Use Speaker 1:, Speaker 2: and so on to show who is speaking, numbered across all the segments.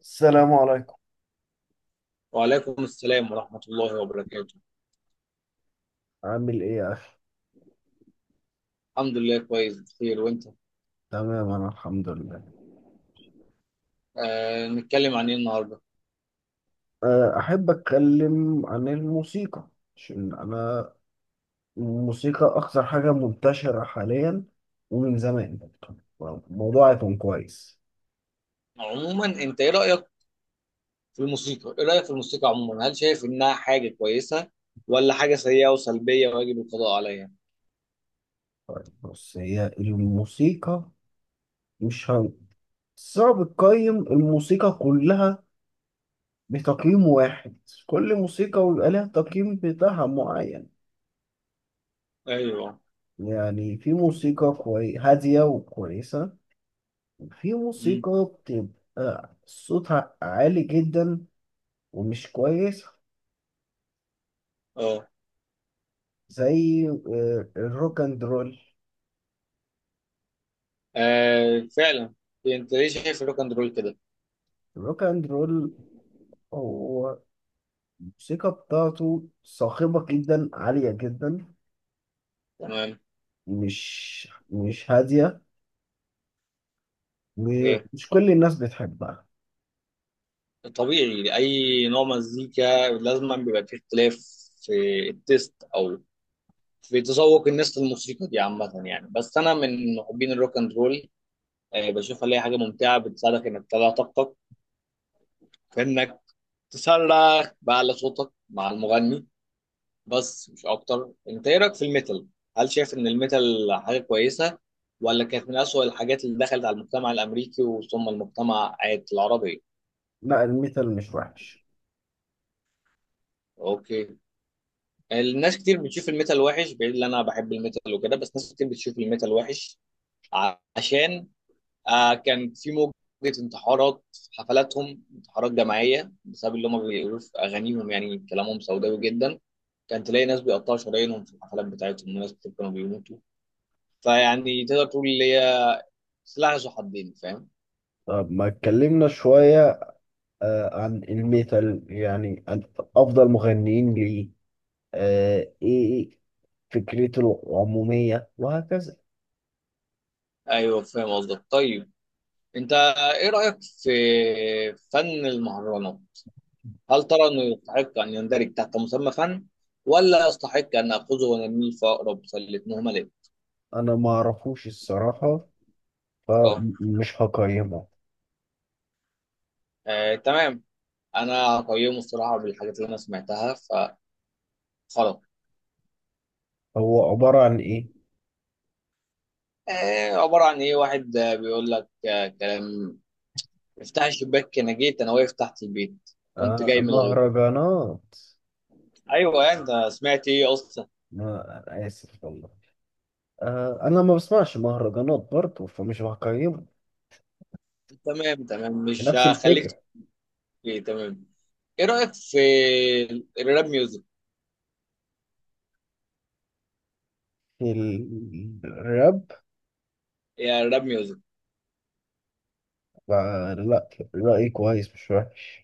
Speaker 1: السلام عليكم.
Speaker 2: وعليكم السلام ورحمة الله وبركاته.
Speaker 1: عامل ايه يا اخي؟
Speaker 2: الحمد لله، كويس بخير، وانت؟
Speaker 1: تمام، انا الحمد لله.
Speaker 2: آه، نتكلم عن ايه النهاردة؟
Speaker 1: احب اتكلم عن الموسيقى. عشان انا الموسيقى اكثر حاجة منتشرة حاليا ومن زمان برضه. الموضوع هيكون كويس.
Speaker 2: عموما انت ايه رأيك في الموسيقى؟ ايه رأيك في الموسيقى عموما؟ هل شايف انها حاجة كويسة، ولا حاجة سيئة وسلبية ويجب القضاء عليها؟
Speaker 1: طيب، بص، هي الموسيقى مش هم... صعب تقيم الموسيقى كلها بتقييم واحد. كل موسيقى ويبقى لها تقييم بتاعها معين.
Speaker 2: ايوه.
Speaker 1: يعني في موسيقى هادية وكويسة. في
Speaker 2: مم.
Speaker 1: موسيقى بتبقى صوتها عالي جدا، ومش كويس.
Speaker 2: اه.
Speaker 1: زي الروك اند رول.
Speaker 2: آه، فعلا. انت ليه شايف الروك اند رول كده؟
Speaker 1: الروك اند رول، هو الموسيقى بتاعته صاخبة جدا، عالية جدا،
Speaker 2: تمام.
Speaker 1: مش هادية،
Speaker 2: إيه.
Speaker 1: ومش كل الناس بتحبها.
Speaker 2: طبيعي اي نوع مزيكا لازم بيبقى فيه اختلاف في التيست، او في تذوق الناس للموسيقى دي عامة يعني. بس أنا من محبين الروك أند رول. آه، بشوفها اللي هي حاجة ممتعة، بتساعدك إنك تطلع طاقتك، في إنك تسرح بأعلى صوتك مع المغني، بس مش أكتر. أنت إيه رأيك في الميتال؟ هل شايف إن الميتال حاجة كويسة، ولا كانت من أسوأ الحاجات اللي دخلت على المجتمع الأمريكي وثم المجتمع العربي؟
Speaker 1: لا، الميتال مش وحش.
Speaker 2: أوكي، الناس كتير بتشوف الميتال وحش، بعيد إن أنا بحب الميتال وكده، بس ناس كتير بتشوف الميتال وحش، عشان آه كان في موجة انتحارات في حفلاتهم، انتحارات جماعية بسبب اللي هم بيقولوه في أغانيهم، يعني كلامهم سوداوي جدا. كان تلاقي ناس بيقطعوا شرايينهم في الحفلات بتاعتهم، وناس كانوا بيموتوا. فيعني تقدر تقول اللي هي سلاح ذو حدين، فاهم؟
Speaker 1: طب ما اتكلمنا شوية عن الميتال، يعني عن أفضل مغنيين ليه، إيه فكرته العمومية وهكذا.
Speaker 2: أيوه فاهم قصدك. طيب أنت إيه رأيك في فن المهرجانات؟ هل ترى إنه يستحق أن يندرج تحت مسمى فن، ولا يستحق أن آخذه ونرميه في أقرب سلة مهملة؟
Speaker 1: انا ما اعرفوش الصراحة، فمش هقيمه.
Speaker 2: آه تمام، انا قيمه الصراحه بالحاجات اللي انا سمعتها فخلاص.
Speaker 1: هو عبارة عن ايه؟
Speaker 2: آه، عباره عن ايه؟ واحد بيقول لك آه كلام: افتح الشباك انا جيت، انا واقف تحت البيت، كنت
Speaker 1: آه،
Speaker 2: جاي من الغيط.
Speaker 1: مهرجانات.
Speaker 2: ايوه يعني، انت سمعت ايه اصلا؟
Speaker 1: ما أنا اسف والله، انا ما بسمعش مهرجانات برضه، فمش هقيمه،
Speaker 2: تمام تمام، مش
Speaker 1: نفس
Speaker 2: هخليك
Speaker 1: الفكرة.
Speaker 2: تحكي. تمام، ايه رايك في الراب ميوزك؟
Speaker 1: الراب.
Speaker 2: يا الراب ميوزك.
Speaker 1: آه، لا، رأيي كويس، مش وحش.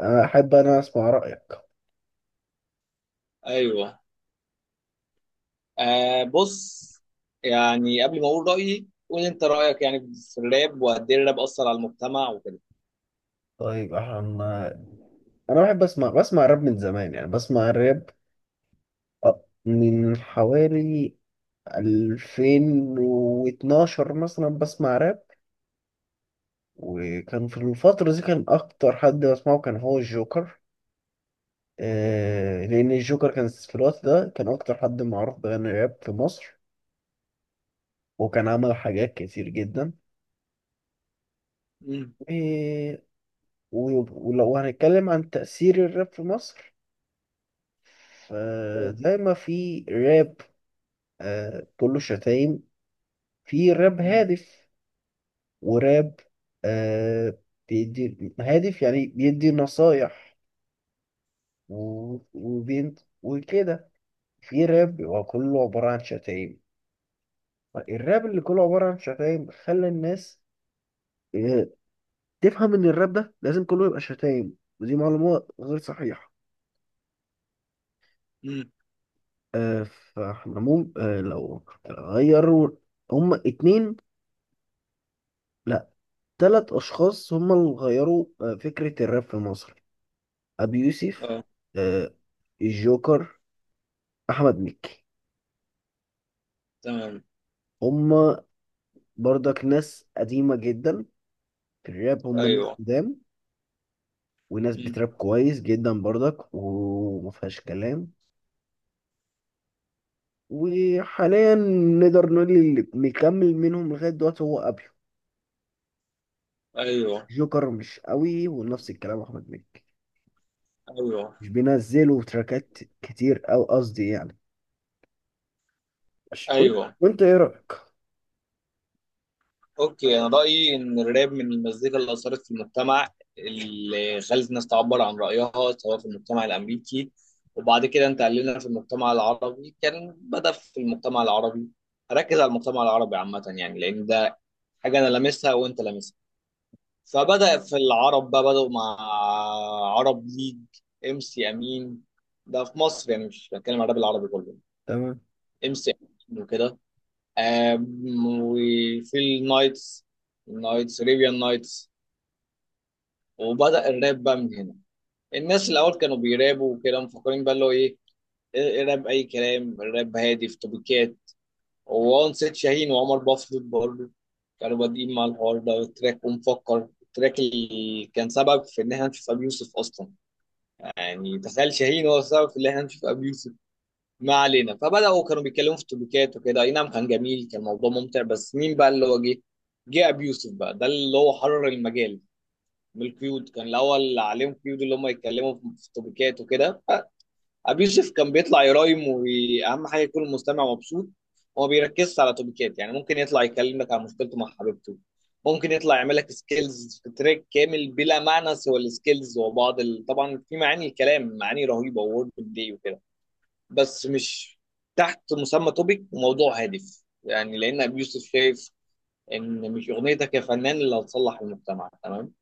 Speaker 1: انا اسمع رأيك.
Speaker 2: ايوه، آه بص، يعني قبل ما اقول رايي، قول انت رايك يعني في الراب، وقد ايه الراب اثر على المجتمع وكده.
Speaker 1: طيب، انا بحب بسمع راب من زمان. يعني بسمع الراب من حوالي 2012 مثلا بسمع راب. وكان في الفترة دي كان أكتر حد بسمعه كان هو الجوكر. لأن الجوكر كان في الوقت ده كان أكتر حد معروف بغنى راب في مصر، وكان عمل حاجات كتير جدا.
Speaker 2: امم.
Speaker 1: آه ولو هنتكلم عن تأثير الراب في مصر، فزي ما في راب كله شتايم، في راب هادف، وراب آه بيدي هادف، يعني بيدي نصايح، وبين وكده. في راب بيبقى كله عبارة عن شتايم. الراب اللي كله عبارة عن شتايم خلى الناس آه، تفهم إن الراب ده لازم كله يبقى شتايم، ودي معلومة غير صحيحة.
Speaker 2: امم.
Speaker 1: آه، فاحنا مو آه، لو غيروا. هما اتنين، لا، تلات أشخاص هما اللي غيروا فكرة الراب في مصر. أبي يوسف، آه، الجوكر، أحمد مكي.
Speaker 2: تمام.
Speaker 1: هما برضك ناس قديمة جدا في الراب، هما ناس
Speaker 2: ايوه.
Speaker 1: قدام. وناس
Speaker 2: مم.
Speaker 1: بتراب كويس جدا برضك، ومفيهاش كلام. وحاليا نقدر نقول اللي مكمل منهم لغاية دلوقتي هو أبيو.
Speaker 2: ايوه.
Speaker 1: جوكر مش قوي، ونفس الكلام أحمد مكي،
Speaker 2: ايوه.
Speaker 1: مش بينزلوا تراكات كتير، أو قصدي يعني ماشي.
Speaker 2: ايوه.
Speaker 1: وأنت إيه رأيك؟
Speaker 2: اوكي، انا رايي ان الراب من المزيكا اللي اثرت في المجتمع، اللي خلت الناس تعبر عن رايها، سواء في المجتمع الامريكي، وبعد كده انتقلنا في المجتمع العربي. كان بدا في المجتمع العربي، هركز على المجتمع العربي عامه يعني، لان ده حاجه انا لامسها وانت لامسها. فبدا في العرب بقى، بداوا مع عرب ليج، ام سي امين، ده في مصر يعني، مش بتكلم على الراب العربي كله.
Speaker 1: تمام.
Speaker 2: ام سي امين وكده، آم، وفي النايتس، النايتس ريبيان نايتس. وبدأ الراب بقى من هنا. الناس الأول كانوا بيرابوا وكده، مفكرين بقى اللي هو إيه، إيه الراب. أي كلام الراب هادي في توبيكات. وان سيد شاهين وعمر بفضل برضه كانوا بادئين مع الحوار ده والتراك، ومفكر التراك اللي كان سبب في إن إحنا نشوف أبي يوسف أصلا. يعني تخيل، شاهين هو السبب في إن إحنا نشوف أبي يوسف. ما علينا. فبداوا كانوا بيتكلموا في التوبيكات وكده، اي نعم كان جميل، كان موضوع ممتع. بس مين بقى اللي هو جه؟ جه ابي يوسف بقى، ده اللي هو حرر المجال من القيود. كان الاول عليهم قيود اللي هم يتكلموا في التوبيكات وكده. ابي يوسف كان بيطلع يرايم، واهم حاجه يكون المستمع مبسوط. هو ما بيركزش على توبيكات. يعني ممكن يطلع يكلم لك عن مشكلته مع حبيبته، ممكن يطلع يعمل لك سكيلز في تراك كامل بلا معنى سوى السكيلز، وبعض ال... طبعا في معاني، الكلام معاني رهيبه وورد بلاي وكده، بس مش تحت مسمى توبيك وموضوع هادف. يعني لان ابي يوسف شايف ان مش اغنيتك يا فنان اللي هتصلح المجتمع، تمام.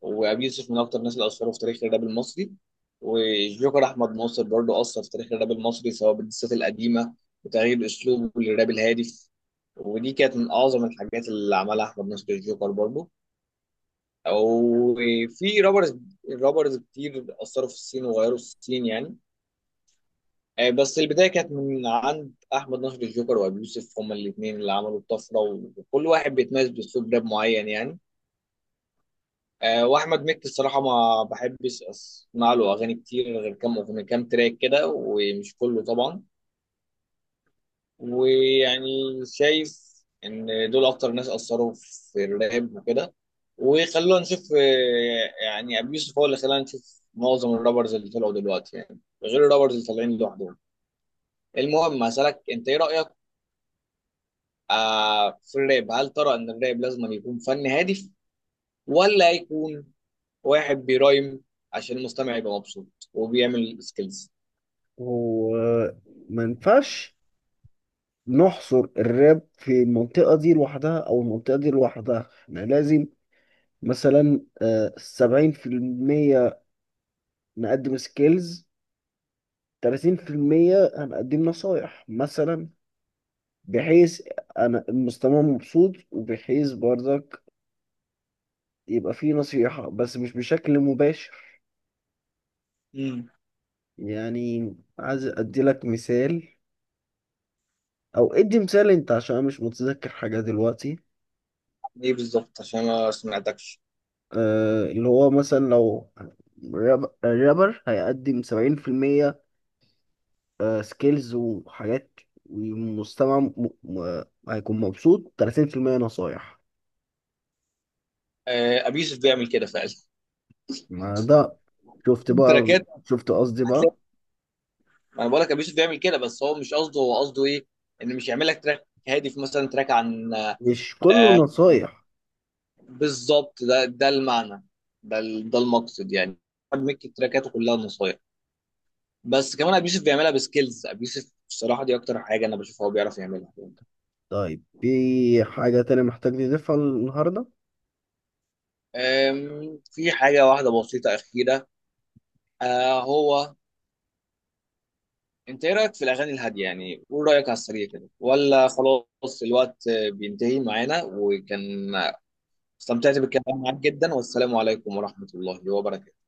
Speaker 2: وابي يوسف من اكتر الناس اللي اثروا في تاريخ الراب المصري. والجوكر احمد ناصر برضو اثر في تاريخ الراب المصري، سواء بالدسات القديمه، وتغيير اسلوبه للراب الهادف. ودي كانت من اعظم الحاجات اللي عملها احمد ناصر الجوكر برضو. وفي رابرز، رابرز كتير اثروا في السين وغيروا السين يعني. آه، بس البدايه كانت من عند احمد نصر الجوكر وابي يوسف، هما الاثنين اللي عملوا الطفره. وكل واحد بيتميز باسلوب راب معين يعني. آه، واحمد مكي الصراحه ما بحبش اسمع له اغاني كتير، غير كام اغنيه، كام تراك كده، ومش كله طبعا. ويعني شايف ان دول اكتر ناس اثروا في الراب وكده. وخلونا نشوف، آه، يعني ابي يوسف هو اللي خلانا نشوف معظم الرابرز اللي طلعوا دلوقتي يعني، غير الرابرز اللي طالعين لوحدهم. المهم، هسألك انت ايه رأيك آه في الراب، هل ترى ان الراب لازم يكون فن هادف، ولا يكون واحد بيرايم عشان المستمع يبقى مبسوط وبيعمل سكيلز؟
Speaker 1: هو ما ينفعش نحصر الراب في المنطقة دي لوحدها أو المنطقة دي لوحدها، إحنا لازم مثلا 70% نقدم سكيلز، 30% انا اقدم نصايح مثلا. بحيث انا المستمع مبسوط، وبحيث برضك يبقى فيه نصيحة، بس مش بشكل مباشر.
Speaker 2: امم.
Speaker 1: يعني عايز ادي لك مثال، او ادي مثال انت عشان انا مش متذكر حاجة دلوقتي.
Speaker 2: ايه بالظبط؟ عشان ما سمعتكش.
Speaker 1: اللي هو مثلا لو الرابر هيقدم 70% سكيلز وحاجات، والمستمع هيكون مبسوط 30% نصايح.
Speaker 2: آه، ابي يوسف بيعمل كده فعلا.
Speaker 1: ما ده، شفت بقى؟
Speaker 2: تراكات
Speaker 1: شفت قصدي بقى؟
Speaker 2: هتلاقي، ما انا بقول لك ابي يوسف بيعمل كده، بس هو مش قصده، هو قصده ايه؟ ان مش يعمل لك تراك هادف، مثلا تراك عن،
Speaker 1: مش كله
Speaker 2: آه،
Speaker 1: نصايح.
Speaker 2: بالظبط، ده ده المعنى، ده المقصد يعني، ميك تراكاته كلها نصايح. بس كمان ابو يوسف بيعملها بسكيلز. ابو يوسف الصراحه دي اكتر حاجه انا بشوفه هو بيعرف يعملها.
Speaker 1: طيب، في حاجة تانية محتاج تضيفها النهاردة؟
Speaker 2: أم، في حاجه واحده بسيطه اخيره، آه هو انت ايه رايك في الاغاني الهاديه؟ يعني قول رايك على السريع كده، ولا خلاص الوقت آه، بينتهي معانا. وكان استمتعت بالكلام معاك جدا، والسلام عليكم ورحمه الله وبركاته.